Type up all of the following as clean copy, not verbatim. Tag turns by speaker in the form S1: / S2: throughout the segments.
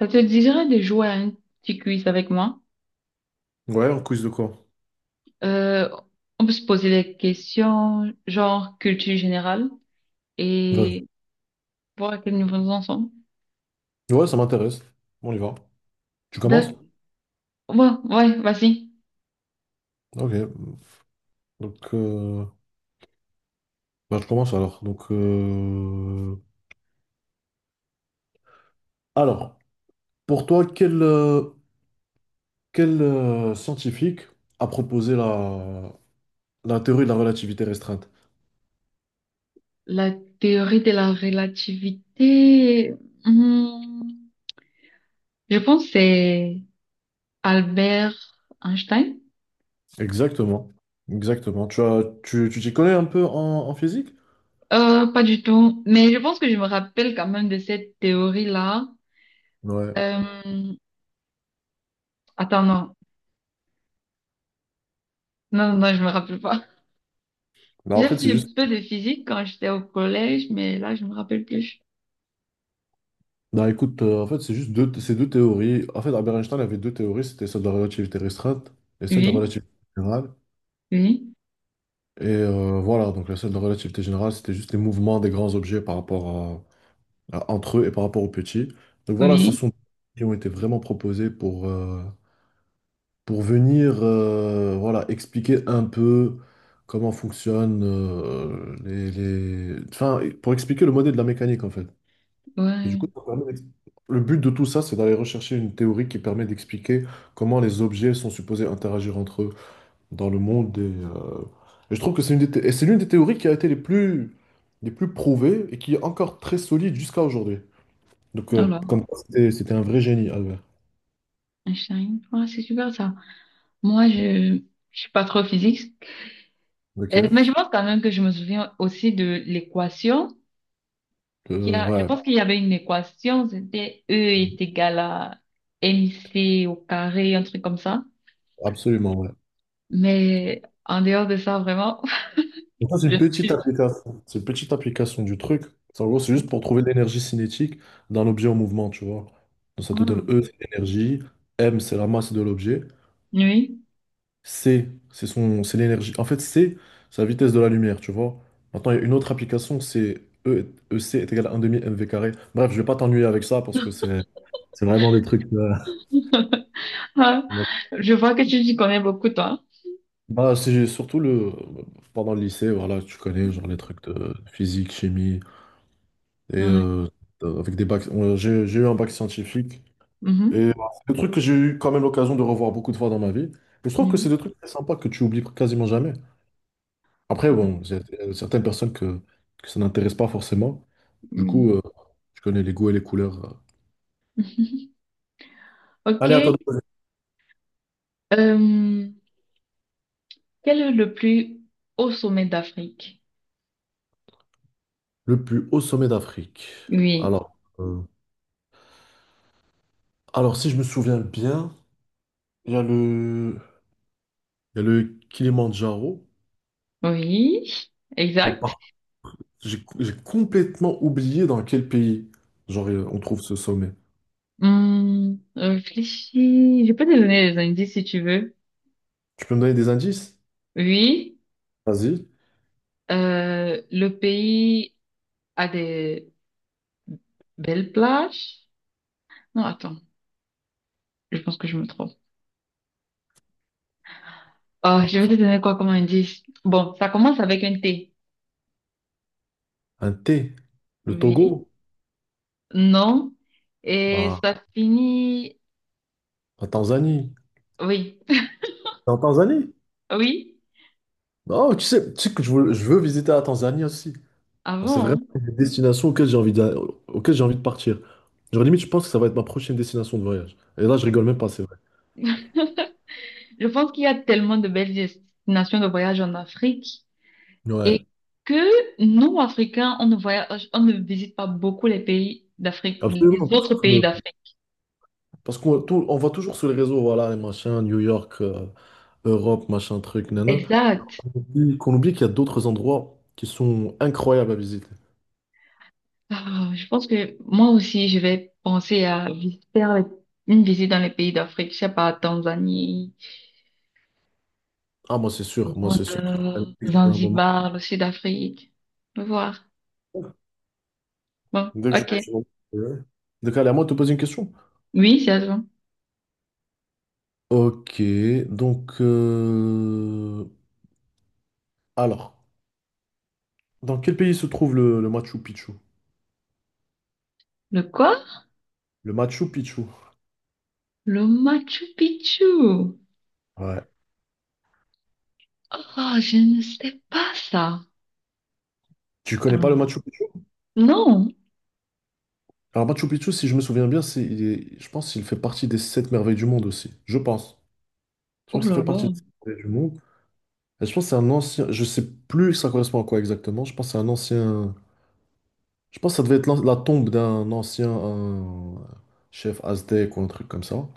S1: Ça te dirait de jouer à un petit quiz avec moi?
S2: Ouais, un quiz de quoi?
S1: Euh, on peut se poser des questions genre culture générale
S2: Vas-y.
S1: et voir à quel niveau nous en sommes.
S2: Ouais, ça m'intéresse. On y va. Tu commences?
S1: D'accord. Ouais, ouais, vas-y.
S2: Ok. Donc, euh, je commence alors. Alors, pour toi, quel scientifique a proposé la théorie de la relativité restreinte?
S1: La théorie de la relativité, hmm, je pense que c'est Albert Einstein.
S2: Exactement. Exactement. Tu t'y connais un peu en physique?
S1: Pas du tout, mais je pense que je me rappelle quand même de cette théorie-là.
S2: Ouais.
S1: Euh, attends, non. Non, non, non, je me rappelle pas.
S2: Bah, en
S1: J'ai
S2: fait, c'est
S1: fait un
S2: juste
S1: peu de physique quand j'étais au collège, mais là, je me rappelle plus.
S2: Non, écoute, en fait, c'est deux théories. En fait, Albert Einstein avait deux théories, c'était celle de la relativité restreinte et celle de la
S1: Oui,
S2: relativité générale.
S1: oui,
S2: Voilà, donc la celle de la relativité générale, c'était juste les mouvements des grands objets par rapport entre eux et par rapport aux petits. Donc voilà, ce
S1: oui,
S2: sont qui ont été vraiment proposés pour venir voilà, expliquer un peu comment fonctionnent les... Enfin, pour expliquer le modèle de la mécanique, en fait. Et du
S1: ouais.
S2: coup, le but de tout ça, c'est d'aller rechercher une théorie qui permet d'expliquer comment les objets sont supposés interagir entre eux dans le monde. Et je trouve que c'est une des, thé- et c'est l'une des théories qui a été les plus prouvées et qui est encore très solide jusqu'à aujourd'hui.
S1: Alors,
S2: Comme quoi, c'était un vrai génie, Albert.
S1: Einstein, ouais, c'est super ça. Moi, je suis pas trop physique. Mais
S2: Ok?
S1: je pense quand même que je me souviens aussi de l'équation. Je
S2: Ouais,
S1: pense qu'il y avait une équation, c'était E est égal à MC au carré, un truc comme ça.
S2: absolument, ouais.
S1: Mais en dehors de ça, vraiment,
S2: Donc ça, c'est une
S1: je
S2: petite
S1: suis...
S2: application. C'est une petite application du truc. En gros, c'est juste pour trouver l'énergie cinétique d'un objet en mouvement, tu vois. Donc, ça te donne
S1: Ah,
S2: E, c'est l'énergie, M, c'est la masse de l'objet.
S1: oui.
S2: C'est l'énergie. En fait, C, c'est la vitesse de la lumière, tu vois. Maintenant, il y a une autre application, E c est égal à 1 demi m v carré. Bref, je vais pas t'ennuyer avec ça parce que c'est vraiment des trucs.
S1: Ah, je vois que tu t'y connais beaucoup, toi.
S2: Bah, c'est surtout le pendant le lycée, voilà, tu connais genre les trucs de physique, chimie et
S1: Ouais.
S2: euh, avec des bacs. J'ai eu un bac scientifique
S1: Mhm.
S2: et voilà, c'est des trucs que j'ai eu quand même l'occasion de revoir beaucoup de fois dans ma vie. Et je trouve que c'est
S1: Mhm.
S2: des trucs très sympas que tu oublies quasiment jamais. Après,
S1: Oui.
S2: bon, il y a certaines personnes que ça n'intéresse pas forcément. Du coup,
S1: Mhm.
S2: euh, je connais les goûts et les couleurs. Allez,
S1: OK.
S2: attendez.
S1: Euh, Quel est le plus haut sommet d'Afrique?
S2: Le plus haut sommet d'Afrique.
S1: Oui.
S2: Alors, euh, alors, si je me souviens bien, il y a le, il y a le Kilimandjaro.
S1: Oui.
S2: Mais
S1: Exact.
S2: j'ai complètement oublié dans quel pays on trouve ce sommet.
S1: Réfléchis. Je peux te donner des indices si tu veux.
S2: Tu peux me donner des indices?
S1: Oui.
S2: Vas-y.
S1: Le pays a des belles plages. Non, attends. Je pense que je me trompe. Oh, je vais te
S2: Parfait.
S1: donner quoi comme indice? Bon, ça commence avec un T.
S2: Un thé. Le
S1: Oui.
S2: Togo.
S1: Non. Et
S2: Voilà.
S1: ça finit.
S2: La Tanzanie.
S1: Oui.
S2: T'es en Tanzanie?
S1: Oui,
S2: Non, tu sais que je veux visiter la Tanzanie aussi. Genre, c'est vraiment
S1: avant.
S2: une destination auxquelles auquel j'ai envie de partir. Genre, limite, je pense que ça va être ma prochaine destination de voyage. Et là, je rigole même pas, c'est vrai.
S1: Je pense qu'il y a tellement de belles destinations de voyage en Afrique et
S2: Ouais,
S1: que nous, Africains, on ne voyage, on ne visite pas beaucoup les pays d'Afrique, les
S2: absolument.
S1: autres pays d'Afrique.
S2: Parce qu'on on voit toujours sur les réseaux, voilà, les machins, New York, Europe, machin, truc, nana.
S1: Exact.
S2: Qu'on oublie qu'il y a d'autres endroits qui sont incroyables à visiter.
S1: Ah, je pense que moi aussi, je vais penser à faire une visite dans les pays d'Afrique. Je sais pas, Tanzanie,
S2: Ah, moi, c'est
S1: Rwanda,
S2: sûr que je vais aller dès que j'aurai un moment.
S1: Zanzibar, le Sud-Afrique. On va voir. Bon,
S2: Dès que j'aurai
S1: ok.
S2: un moment. Ouais. Donc, allez, à moi de te poser une question.
S1: Oui, c'est à toi.
S2: Ok, donc. Alors. Dans quel pays se trouve le Machu Picchu?
S1: Le quoi?
S2: Le Machu Picchu.
S1: Le Machu Picchu.
S2: Ouais.
S1: Ah, je ne sais pas ça.
S2: Tu connais pas le
S1: Ah,
S2: Machu Picchu?
S1: non.
S2: Alors Machu Picchu, si je me souviens bien, je pense qu'il fait partie des sept merveilles du monde aussi. Je pense. Je crois
S1: Oh
S2: que ça
S1: là
S2: fait
S1: là.
S2: partie des sept merveilles du monde. Et je pense que c'est un ancien. Je sais plus ça correspond à quoi exactement. Je pense que c'est un ancien. Je pense que ça devait être la tombe d'un ancien un chef aztèque ou un truc comme ça.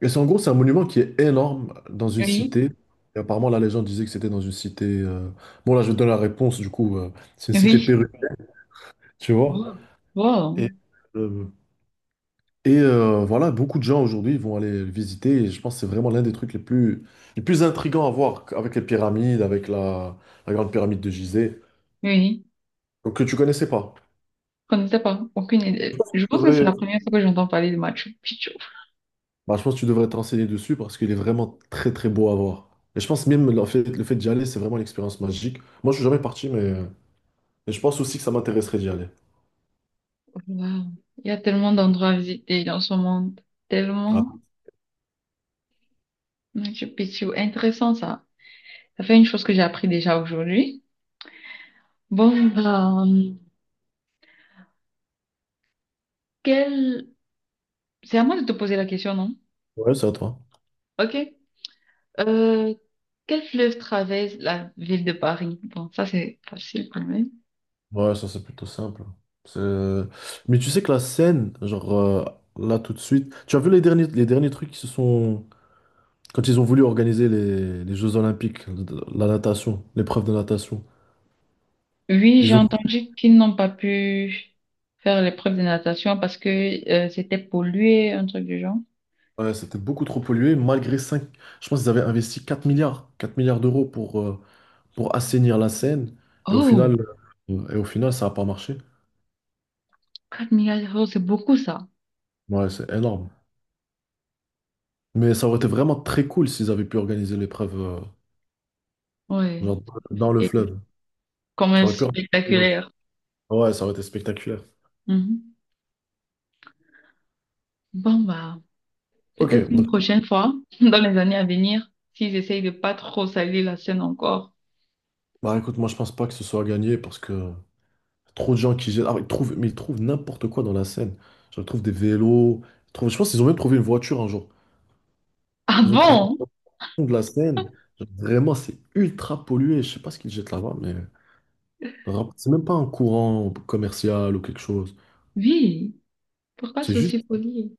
S2: Et c'est en gros, c'est un monument qui est énorme dans une
S1: Oui.
S2: cité. Et apparemment, la légende disait que c'était dans une cité. Bon, là, je vais te donner la réponse. C'est une cité
S1: Oui.
S2: péruvienne. Tu vois.
S1: Wow. Wow.
S2: Et, euh, voilà, beaucoup de gens aujourd'hui vont aller le visiter et je pense que c'est vraiment l'un des trucs les plus intrigants à voir avec les pyramides, avec la grande pyramide de Gizeh,
S1: Oui.
S2: donc que tu connaissais pas.
S1: Je ne sais pas. Aucune idée.
S2: Tu
S1: Je pense que c'est
S2: devrais-
S1: la première fois que j'entends parler de Machu Picchu.
S2: Bah, je pense que tu devrais te renseigner dessus parce qu'il est vraiment très très beau à voir. Et je pense même le fait d'y aller, c'est vraiment une expérience magique. Moi, je suis jamais parti, mais je pense aussi que ça m'intéresserait d'y aller.
S1: Wow. Il y a tellement d'endroits à visiter dans ce monde.
S2: Ah,
S1: Tellement. Machu Picchu. Intéressant ça. Ça fait une chose que j'ai appris déjà aujourd'hui. Bon, bah, quel... C'est à moi de te poser la question, non?
S2: ouais, c'est à toi.
S1: Ok. Euh, Quel fleuve traverse la ville de Paris? Bon, ça c'est facile quand même.
S2: Ouais, ça c'est plutôt simple. C'est- Mais tu sais que la scène, là tout de suite, tu as vu les derniers trucs qui se sont... Quand ils ont voulu organiser les Jeux Olympiques, la natation, l'épreuve de natation,
S1: Oui, j'ai
S2: ils ont...
S1: entendu qu'ils n'ont pas pu faire l'épreuve de natation parce que c'était pollué, un truc du genre.
S2: Ouais, c'était beaucoup trop pollué, malgré 5 je pense qu'ils avaient investi 4 milliards d'euros pour assainir la Seine, et au
S1: Oh,
S2: final, et au final ça n'a pas marché.
S1: 4 milliards d'euros, c'est beaucoup ça.
S2: Ouais, c'est énorme. Mais ça aurait été vraiment très cool s'ils avaient pu organiser l'épreuve
S1: Ouais,
S2: genre
S1: ça aurait
S2: dans le
S1: été
S2: fleuve.
S1: quand
S2: Ça
S1: même
S2: aurait pu...
S1: spectaculaire.
S2: Ouais, ça aurait été spectaculaire.
S1: Mhm. Bon, bah,
S2: Ok,
S1: peut-être une
S2: donc,
S1: prochaine fois, dans les années à venir, s'ils essayent de pas trop salir la scène encore.
S2: bah écoute, moi je pense pas que ce soit gagné parce que trop de gens qui jettent. Ah, ils trouvent, mais ils trouvent n'importe quoi dans la Seine. Genre, ils trouvent des vélos. Je pense qu'ils ont même trouvé une voiture un jour.
S1: Ah
S2: Ils ont trouvé
S1: bon?
S2: au fond de la Seine. Genre, vraiment, c'est ultra pollué. Je sais pas ce qu'ils jettent là-bas, mais c'est même pas un courant commercial ou quelque chose.
S1: Oui, pourquoi
S2: C'est
S1: c'est
S2: juste,
S1: aussi poli?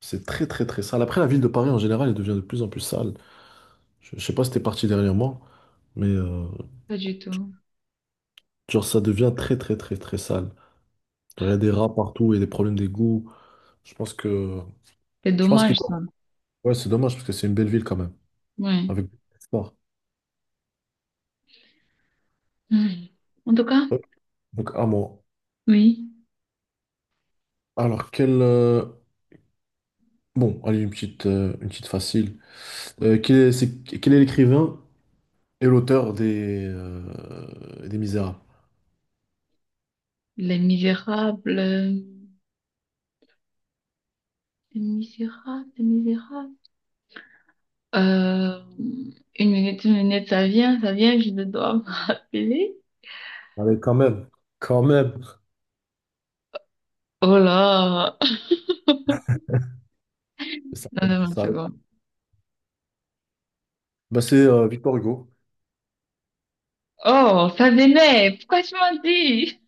S2: c'est très très très sale. Après, la ville de Paris en général, elle devient de plus en plus sale. Je sais pas si t'es parti dernièrement, mais
S1: Pas du tout.
S2: genre, ça devient très très très très sale. Il y a des rats partout et des problèmes d'égouts. Je pense que.
S1: C'est
S2: Je pense
S1: dommage,
S2: qu'il
S1: ça.
S2: doit. Ouais, c'est dommage parce que c'est une belle ville quand même.
S1: Ouais.
S2: Avec beaucoup d'espoir.
S1: Mm. En tout cas,
S2: Ouais. Donc, à moi.
S1: oui.
S2: Alors, quel. Bon, allez, une petite facile. Quel est l'écrivain et l'auteur des Misérables?
S1: Les Misérables. Les Misérables, Les Misérables. Euh, une minute, une minute, ça vient, je dois me rappeler.
S2: Allez, quand même. Quand même.
S1: Oh là!
S2: Ça,
S1: Non, non, une
S2: ça-
S1: seconde.
S2: Bah c'est Victor Hugo.
S1: Oh, ça venait! Pourquoi tu m'as dit?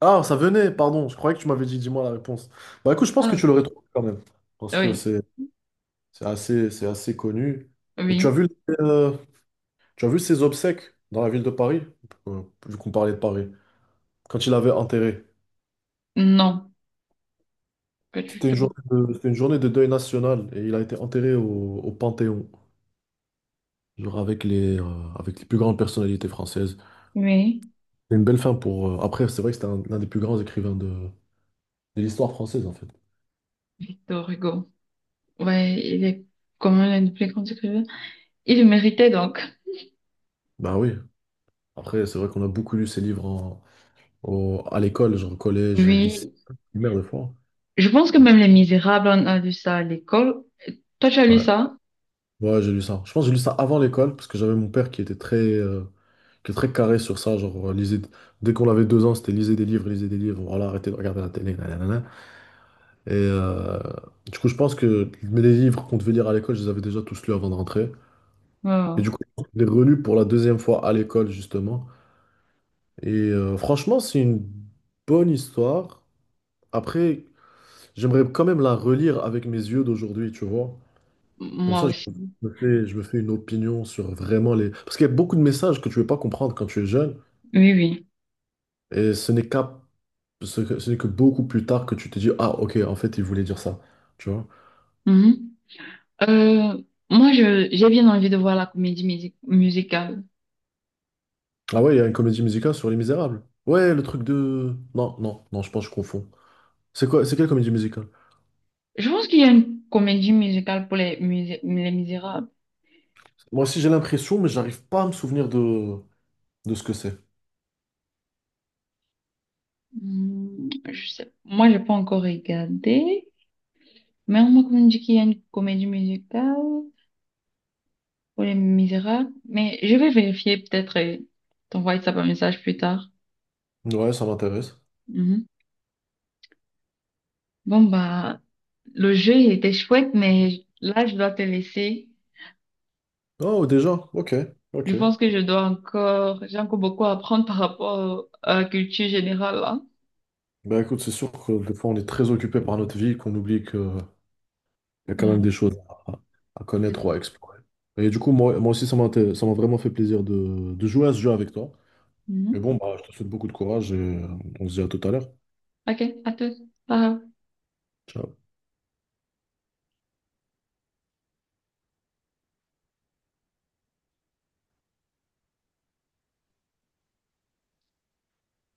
S2: Ah, ça venait, pardon, je croyais que tu m'avais dit, dis-moi la réponse. Bah écoute, je pense que
S1: Ah,
S2: tu l'aurais trouvé quand même, parce que
S1: oui,
S2: c'est assez connu. Et
S1: oui.
S2: euh, tu as vu ses obsèques dans la ville de Paris, vu qu'on parlait de Paris, quand il avait enterré.
S1: Non, pas du tout.
S2: C'était une journée de deuil national, et il a été enterré au Panthéon, genre avec avec les plus grandes personnalités françaises.
S1: Oui,
S2: C'est une belle fin pour... Après, c'est vrai que c'était un, l'un des plus grands écrivains de l'histoire française, en fait.
S1: Victor Hugo. Ouais, il est comme l'un des plus grands écrivains. Il le méritait donc.
S2: Bah oui. Après, c'est vrai qu'on a beaucoup lu ces livres à l'école, genre au collège, au lycée,
S1: Oui,
S2: primaire des fois.
S1: je pense que même Les Misérables, on a lu ça à l'école. Toi, tu as lu
S2: Ouais,
S1: ça?
S2: ouais, j'ai lu ça. Je pense que j'ai lu ça avant l'école, parce que j'avais mon père qui était qui était très carré sur ça. Dès qu'on avait 2 ans, c'était lisez des livres, voilà, arrêtez de regarder la télé, nanana. Et euh, du coup, je pense que mais les livres qu'on devait lire à l'école, je les avais déjà tous lus avant de rentrer.
S1: Euh,
S2: Et du coup, je les relus pour la deuxième fois à l'école, justement. Franchement, c'est une bonne histoire. Après. J'aimerais quand même la relire avec mes yeux d'aujourd'hui, tu vois. Comme
S1: moi
S2: ça,
S1: aussi.
S2: je me fais une opinion sur vraiment les... Parce qu'il y a beaucoup de messages que tu ne veux pas comprendre quand tu es jeune,
S1: Oui, oui.
S2: et ce n'est qu'à, ce n'est que beaucoup plus tard que tu te dis, ah, ok, en fait, il voulait dire ça, tu vois.
S1: Mhm. Euh, moi, j'ai bien envie de voir la comédie musicale.
S2: Ah ouais, il y a une comédie musicale sur Les Misérables. Ouais, le truc de... Non, non, non, je pense que je confonds. C'est quelle comédie musicale?
S1: Je pense qu'il y a une comédie musicale pour les Misérables.
S2: Moi aussi, j'ai l'impression, mais j'arrive pas à me souvenir de ce que c'est.
S1: Je sais. Moi, j'ai pas encore regardé, mais on m'a quand même dit qu'il y a une comédie musicale pour Les Misérables. Mais je vais vérifier peut-être et t'envoyer ça par message plus tard.
S2: Ouais, ça m'intéresse.
S1: Mhm. Bon, bah, le jeu, il était chouette, mais là, je dois te laisser.
S2: Oh, déjà, ok,
S1: Je
S2: ok.
S1: pense que je dois encore, J'ai encore beaucoup à apprendre par rapport à la culture générale, là.
S2: Bah écoute, c'est sûr que des fois on est très occupé par notre vie qu'on oublie qu'il y a quand même des choses à, à connaître ou à
S1: Ouais.
S2: explorer. Et du coup, moi aussi, ça m'a vraiment fait plaisir de jouer à ce jeu avec toi. Et
S1: Mhm.
S2: bon, bah, je te souhaite beaucoup de courage et on se dit à tout à l'heure.
S1: Ok, à tous. Bye.
S2: Ciao.